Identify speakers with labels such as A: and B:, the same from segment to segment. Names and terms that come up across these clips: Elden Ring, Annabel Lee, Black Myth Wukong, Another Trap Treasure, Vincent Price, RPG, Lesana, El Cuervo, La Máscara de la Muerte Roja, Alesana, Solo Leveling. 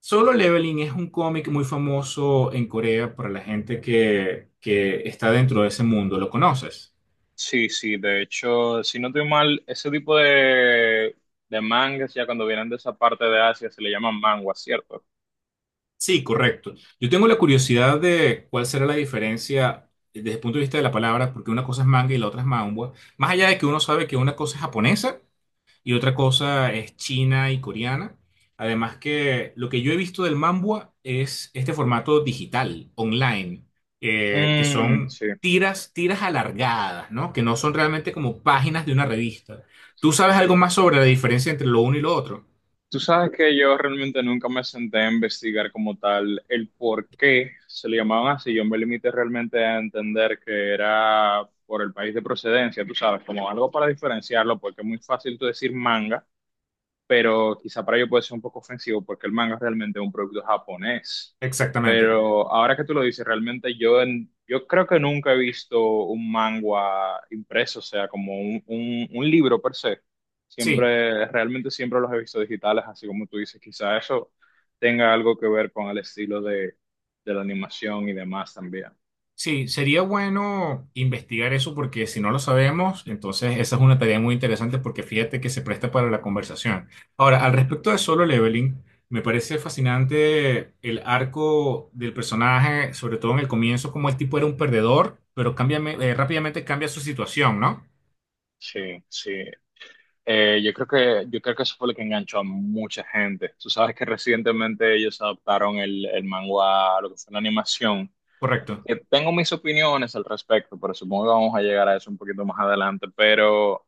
A: Solo Leveling es un cómic muy famoso en Corea para la gente que está dentro de ese mundo. ¿Lo conoces?
B: Sí, sí, de hecho, si no estoy mal, ese tipo de mangas ya cuando vienen de esa parte de Asia se le llaman manguas, ¿cierto?
A: Sí, correcto. Yo tengo la curiosidad de cuál será la diferencia desde el punto de vista de la palabra, porque una cosa es manga y la otra es manhwa. Más allá de que uno sabe que una cosa es japonesa y otra cosa es china y coreana. Además que lo que yo he visto del Mambua es este formato digital, online, que
B: Mm,
A: son
B: sí,
A: tiras, tiras alargadas, ¿no? Que no son realmente como páginas de una revista. ¿Tú sabes algo
B: sí.
A: más sobre la diferencia entre lo uno y lo otro?
B: Tú sabes que yo realmente nunca me senté a investigar como tal el por qué se le llamaban así. Yo me limité realmente a entender que era por el país de procedencia, tú sabes, como algo para diferenciarlo, porque es muy fácil tú decir manga, pero quizá para ello puede ser un poco ofensivo porque el manga es realmente un producto japonés.
A: Exactamente.
B: Pero ahora que tú lo dices, realmente yo creo que nunca he visto un manga impreso, o sea, como un, un libro per se.
A: Sí.
B: Siempre, realmente siempre los he visto digitales, así como tú dices, quizá eso tenga algo que ver con el estilo de, la animación y demás también.
A: Sí, sería bueno investigar eso porque si no lo sabemos, entonces esa es una tarea muy interesante porque fíjate que se presta para la conversación. Ahora, al respecto de Solo Leveling, me parece fascinante el arco del personaje, sobre todo en el comienzo, como el tipo era un perdedor, pero rápidamente cambia su situación, ¿no?
B: Sí, sí. Yo creo que eso fue lo que enganchó a mucha gente. Tú sabes que recientemente ellos adaptaron el manga a lo que fue la animación.
A: Correcto.
B: Que tengo mis opiniones al respecto, pero supongo que vamos a llegar a eso un poquito más adelante. Pero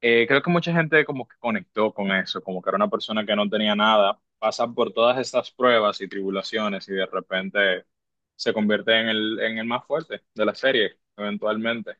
B: creo que mucha gente como que conectó con eso, como que era una persona que no tenía nada, pasa por todas estas pruebas y tribulaciones y de repente se convierte en el, más fuerte de la serie, eventualmente.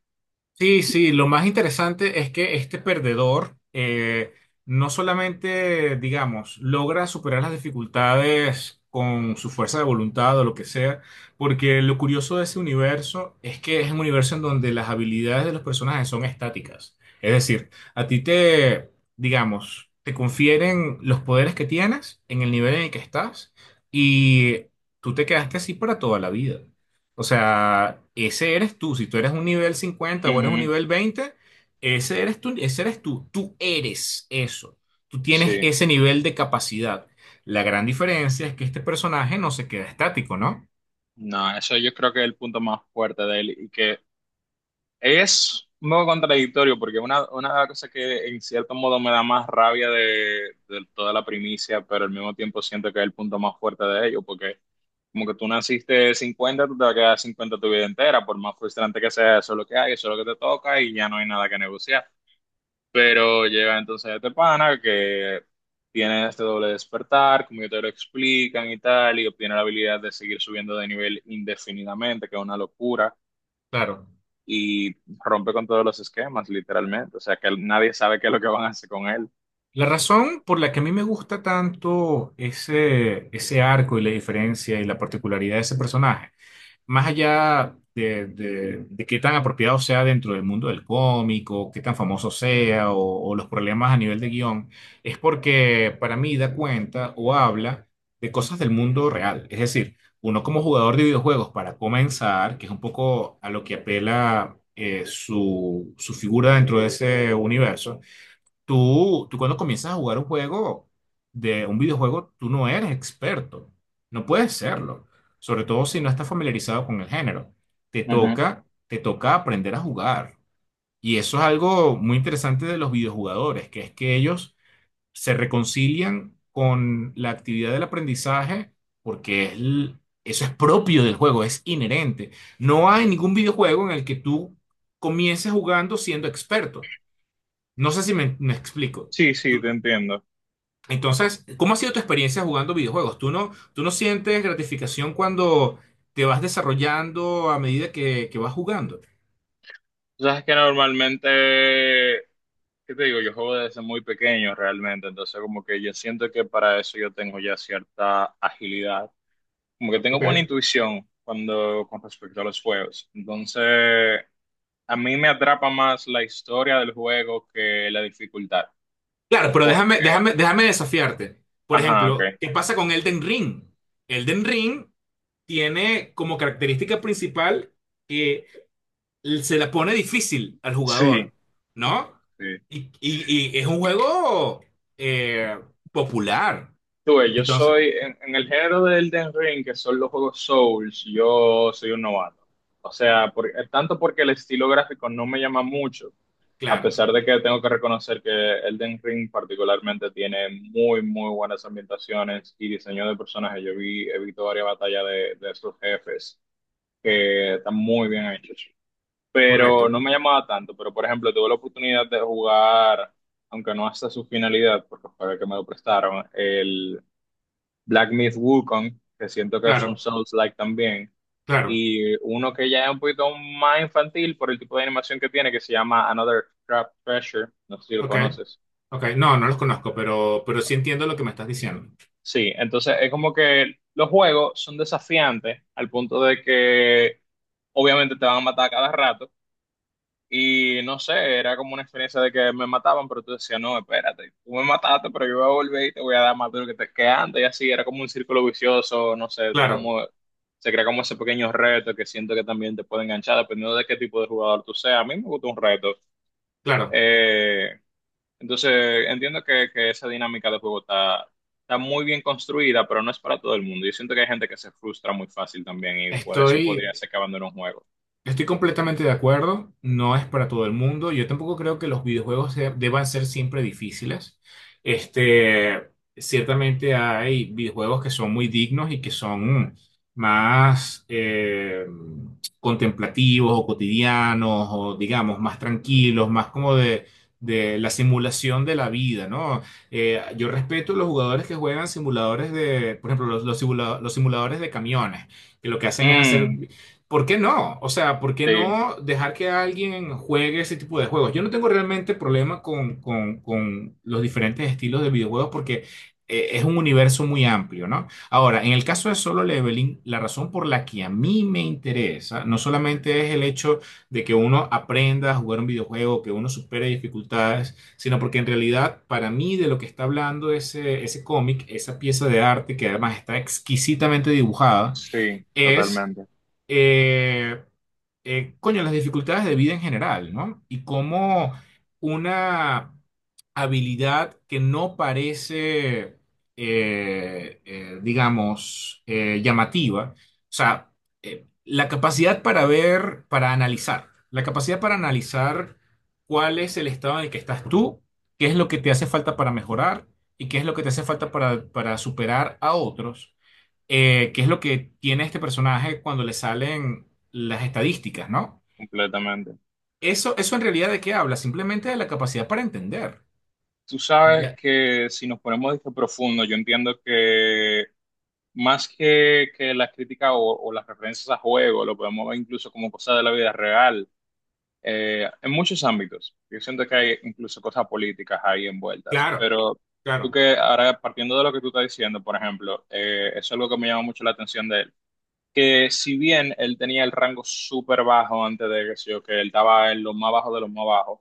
A: Sí, sí, lo más interesante es que este perdedor no solamente, digamos, logra superar las dificultades con su fuerza de voluntad o lo que sea, porque lo curioso de ese universo es que es un universo en donde las habilidades de los personajes son estáticas. Es decir, a ti te, digamos, te confieren los poderes que tienes en el nivel en el que estás y tú te quedaste así para toda la vida. O sea, ese eres tú. Si tú eres un nivel 50, o eres un
B: Ujú.
A: nivel 20. Ese eres tú, ese eres tú. Tú eres eso. Tú tienes
B: Sí.
A: ese nivel de capacidad. La gran diferencia es que este personaje no se queda estático, ¿no?
B: No, eso yo creo que es el punto más fuerte de él. Y que es un poco contradictorio porque una, cosa que en cierto modo me da más rabia de toda la primicia, pero al mismo tiempo siento que es el punto más fuerte de ello, porque como que tú naciste 50, tú te vas a quedar 50 tu vida entera, por más frustrante que sea, eso es lo que hay, eso es lo que te toca y ya no hay nada que negociar. Pero llega entonces este pana que tiene este doble despertar, como yo te lo explican y tal, y obtiene la habilidad de seguir subiendo de nivel indefinidamente, que es una locura
A: Claro.
B: y rompe con todos los esquemas, literalmente. O sea, que nadie sabe qué es lo que van a hacer con él.
A: La razón por la que a mí me gusta tanto ese arco y la diferencia y la particularidad de ese personaje más allá de qué tan apropiado sea dentro del mundo del cómic o qué tan famoso sea o los problemas a nivel de guión, es porque para mí da cuenta o habla de cosas del mundo real. Es decir, uno como jugador de videojuegos, para comenzar, que es un poco a lo que apela su figura dentro de ese universo. Tú cuando comienzas a jugar un juego de un videojuego, tú no eres experto. No puedes serlo. Sobre todo si no estás familiarizado con el género. Te
B: Ujú.
A: toca, te toca aprender a jugar. Y eso es algo muy interesante de los videojugadores, que es que ellos se reconcilian con la actividad del aprendizaje porque eso es propio del juego, es inherente. No hay ningún videojuego en el que tú comiences jugando siendo experto. No sé si me explico.
B: Sí, sí, te entiendo.
A: Entonces, ¿cómo ha sido tu experiencia jugando videojuegos? ¿Tú no sientes gratificación cuando te vas desarrollando a medida que vas jugando?
B: Tú sabes que normalmente, ¿qué te digo? Yo juego desde muy pequeño realmente, entonces como que yo siento que para eso yo tengo ya cierta agilidad. Como que tengo buena
A: Ok.
B: intuición cuando con respecto a los juegos. Entonces, a mí me atrapa más la historia del juego que la dificultad,
A: Claro, pero
B: porque,
A: déjame desafiarte. Por
B: ajá,
A: ejemplo,
B: ok.
A: ¿qué pasa con Elden Ring? Elden Ring tiene como característica principal que se la pone difícil al
B: Sí,
A: jugador, ¿no?
B: sí.
A: Y es un juego eh, popular.
B: Tú ves, yo
A: Entonces,
B: soy, en, el género del Elden Ring, que son los juegos Souls, yo soy un novato. O sea, tanto porque el estilo gráfico no me llama mucho, a
A: claro,
B: pesar de que tengo que reconocer que Elden Ring particularmente tiene muy, muy buenas ambientaciones y diseño de personajes. He visto varias batallas de sus jefes, que están muy bien hechos. Pero
A: correcto.
B: no me llamaba tanto, pero por ejemplo, tuve la oportunidad de jugar, aunque no hasta su finalidad, porque fue que me lo prestaron, Black Myth Wukong, que siento que es un
A: Claro,
B: Souls-like también,
A: claro.
B: y uno que ya es un poquito más infantil por el tipo de animación que tiene, que se llama Another Trap Treasure, no sé si lo
A: Ok.
B: conoces.
A: Ok, no, no los conozco, pero sí entiendo lo que me estás diciendo.
B: Sí, entonces es como que los juegos son desafiantes al punto de que obviamente te van a matar a cada rato. Y no sé, era como una experiencia de que me mataban, pero tú decías, no, espérate, tú me mataste, pero yo voy a volver y te voy a dar más duro que antes. Y así era como un círculo vicioso, no sé, está
A: Claro,
B: como, se crea como ese pequeño reto que siento que también te puede enganchar, dependiendo de qué tipo de jugador tú seas. A mí me gusta un reto.
A: claro.
B: Eh, entonces, entiendo que esa dinámica de juego está muy bien construida, pero no es para todo el mundo. Yo siento que hay gente que se frustra muy fácil también y por eso podría
A: Estoy,
B: ser que abandone un juego.
A: Estoy completamente de acuerdo, no es para todo el mundo. Yo tampoco creo que los videojuegos deban ser siempre difíciles. Este, ciertamente hay videojuegos que son muy dignos y que son más contemplativos o cotidianos o digamos más tranquilos, más como de la simulación de la vida, ¿no? Yo respeto los jugadores que juegan simuladores de, por ejemplo, los los simuladores de camiones que lo que hacen es hacer.
B: Mm,
A: ¿Por qué no? O sea, ¿por qué
B: sí,
A: no dejar que alguien juegue ese tipo de juegos? Yo no tengo realmente problema con los diferentes estilos de videojuegos porque es un universo muy amplio, ¿no? Ahora, en el caso de Solo Leveling, la razón por la que a mí me interesa no solamente es el hecho de que uno aprenda a jugar un videojuego, que uno supere dificultades, sino porque en realidad para mí de lo que está hablando ese cómic, esa pieza de arte que además está exquisitamente dibujada,
B: sí,
A: es,
B: totalmente.
A: eh, coño, las dificultades de vida en general, ¿no? Y cómo una habilidad que no parece, digamos, llamativa, o sea, la capacidad para ver, para analizar, la capacidad para analizar cuál es el estado en el que estás tú, qué es lo que te hace falta para mejorar y qué es lo que te hace falta para superar a otros qué es lo que tiene este personaje cuando le salen las estadísticas, ¿no?
B: Completamente.
A: Eso en realidad de qué habla, simplemente de la capacidad para entender.
B: Tú sabes
A: Ya,
B: que si nos ponemos de que profundo, yo entiendo que más que las críticas o, las referencias a juegos, lo podemos ver incluso como cosas de la vida real, en muchos ámbitos. Yo siento que hay incluso cosas políticas ahí envueltas.
A: claro,
B: Pero tú
A: claro,
B: que ahora, partiendo de lo que tú estás diciendo, por ejemplo, eso es algo que me llama mucho la atención de él. Que si bien él tenía el rango súper bajo antes de que, sé yo, que él estaba en lo más bajo de los más bajos,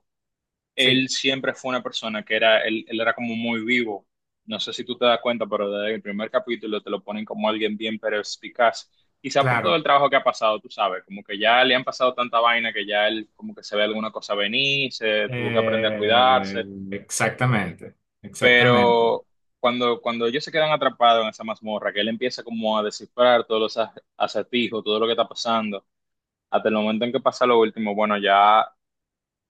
A: sí,
B: él siempre fue una persona que era, él era como muy vivo. No sé si tú te das cuenta, pero desde el primer capítulo te lo ponen como alguien bien perspicaz. Quizá por todo el
A: claro.
B: trabajo que ha pasado, tú sabes, como que ya le han pasado tanta vaina que ya él como que se ve alguna cosa venir, se tuvo que aprender a
A: Eh,
B: cuidarse.
A: exactamente, exactamente.
B: Pero cuando ellos se quedan atrapados en esa mazmorra, que él empieza como a descifrar todos los a acertijos, todo lo que está pasando, hasta el momento en que pasa lo último, bueno, ya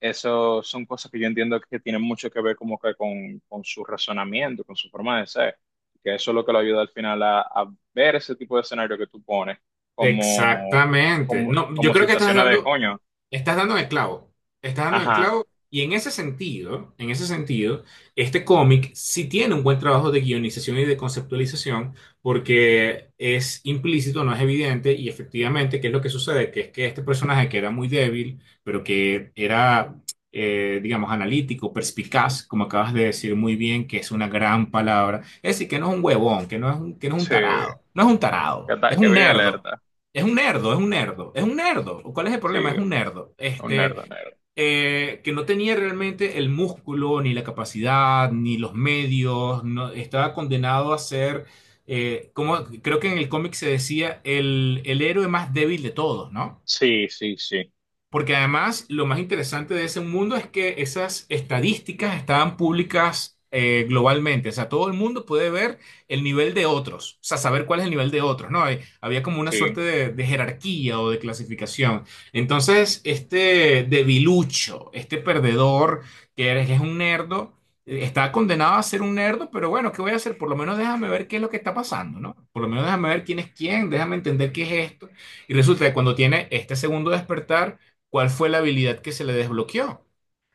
B: eso son cosas que yo entiendo que tienen mucho que ver como que con, su razonamiento, con su forma de ser, que eso es lo que lo ayuda al final a ver ese tipo de escenario que tú pones como,
A: Exactamente.
B: como,
A: No, yo
B: como
A: creo que estás
B: situaciones de
A: dando,
B: coño.
A: estás dando en el clavo, estás dando en el
B: Ajá,
A: clavo y en ese sentido, este cómic sí tiene un buen trabajo de guionización y de conceptualización porque es implícito, no es evidente y efectivamente, ¿qué es lo que sucede? Que es que este personaje que era muy débil, pero que era, digamos, analítico, perspicaz, como acabas de decir muy bien, que es una gran palabra, es decir, que no es un huevón, que no es un
B: sí,
A: tarado, no es un
B: que,
A: tarado, es
B: ta- que
A: un
B: vive
A: nerd,
B: alerta,
A: es un nerdo, es un nerdo, es un nerdo. ¿Cuál es el problema? Es
B: sí,
A: un nerdo.
B: un nerd, un nerd.
A: Que no tenía realmente el músculo, ni la capacidad, ni los medios. Estaba condenado a ser, como creo que en el cómic se decía, el héroe más débil de todos, ¿no?
B: Sí, sí, sí,
A: Porque además lo más interesante de ese mundo es que esas estadísticas estaban públicas globalmente. O sea, todo el mundo puede ver el nivel de otros, o sea, saber cuál es el nivel de otros, ¿no? Había como una suerte
B: sí.
A: de jerarquía o de clasificación. Entonces, este debilucho, este perdedor que es un nerdo, está condenado a ser un nerdo, pero bueno, ¿qué voy a hacer? Por lo menos déjame ver qué es lo que está pasando, ¿no? Por lo menos déjame ver quién es quién, déjame entender qué es esto. Y resulta que cuando tiene este segundo despertar, ¿cuál fue la habilidad que se le desbloqueó?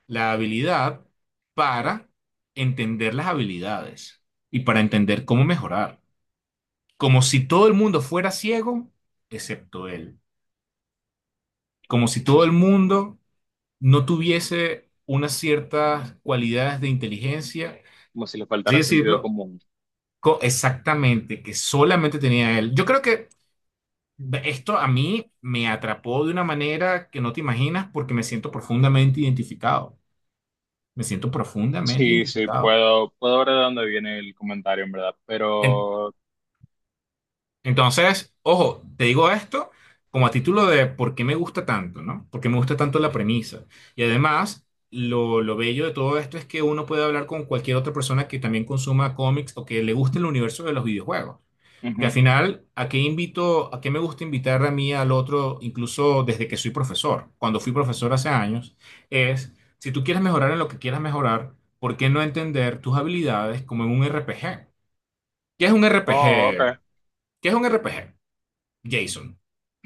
A: La habilidad para entender las habilidades y para entender cómo mejorar. Como si todo el mundo fuera ciego, excepto él. Como si todo el
B: Entonces,
A: mundo no tuviese unas ciertas cualidades de inteligencia,
B: como si le
A: así
B: faltara sentido
A: decirlo,
B: común.
A: exactamente, que solamente tenía él. Yo creo que esto a mí me atrapó de una manera que no te imaginas porque me siento profundamente identificado. Me siento profundamente
B: Sí, sí,
A: identificado.
B: puedo ver de dónde viene el comentario, en verdad,
A: En-
B: pero...
A: entonces, ojo, te digo esto como a título de por qué me gusta tanto, ¿no? Por qué me gusta tanto la premisa. Y además, lo bello de todo esto es que uno puede hablar con cualquier otra persona que también consuma cómics o que le guste el universo de los videojuegos. Porque al
B: Ujú.
A: final, ¿a qué invito, a qué me gusta invitar a mí al otro, incluso desde que soy profesor? Cuando fui profesor hace años, es, si tú quieres mejorar en lo que quieras mejorar, ¿por qué no entender tus habilidades como en un RPG? ¿Qué es un
B: Oh,
A: RPG?
B: ok.
A: ¿Qué es un RPG? Jason.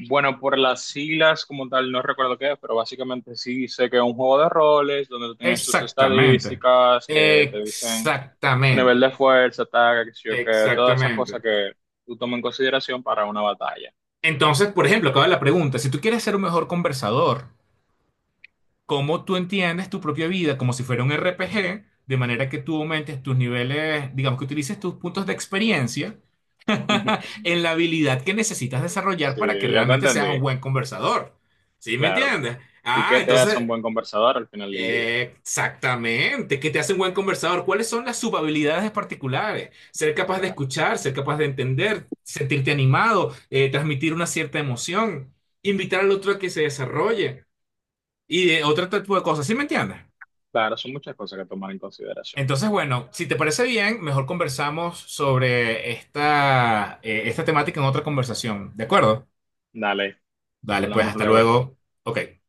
B: Bueno, por las siglas como tal, no recuerdo qué es, pero básicamente sí sé que es un juego de roles donde tú tienes tus
A: Exactamente.
B: estadísticas que te dicen tu nivel de
A: Exactamente.
B: fuerza, ataque, qué sé yo qué, todas esas cosas
A: Exactamente.
B: que tú tomas en consideración para una batalla.
A: Entonces, por ejemplo, acaba la pregunta. Si tú quieres ser un mejor conversador, ¿cómo tú entiendes tu propia vida como si fuera un RPG? De manera que tú aumentes tus niveles, digamos que utilices tus puntos de experiencia
B: Ujú.
A: en la habilidad que necesitas desarrollar
B: Sí,
A: para que
B: ya te
A: realmente
B: entendí,
A: seas un buen conversador. ¿Sí me
B: claro.
A: entiendes?
B: ¿Y
A: Ah,
B: qué te hace un
A: entonces
B: buen conversador al final del día?
A: exactamente, que te hace un buen conversador. ¿Cuáles son las subhabilidades particulares? Ser capaz de
B: Claro,
A: escuchar, ser capaz de entender, sentirte animado, transmitir una cierta emoción, invitar al otro a que se desarrolle y de otro tipo de cosas. ¿Sí me entiendes?
B: claro, son muchas cosas que tomar en consideración.
A: Entonces, bueno, si te parece bien, mejor conversamos sobre esta, esta temática en otra conversación. ¿De acuerdo?
B: Dale,
A: Dale, pues
B: hablamos
A: hasta
B: luego.
A: luego. Ok.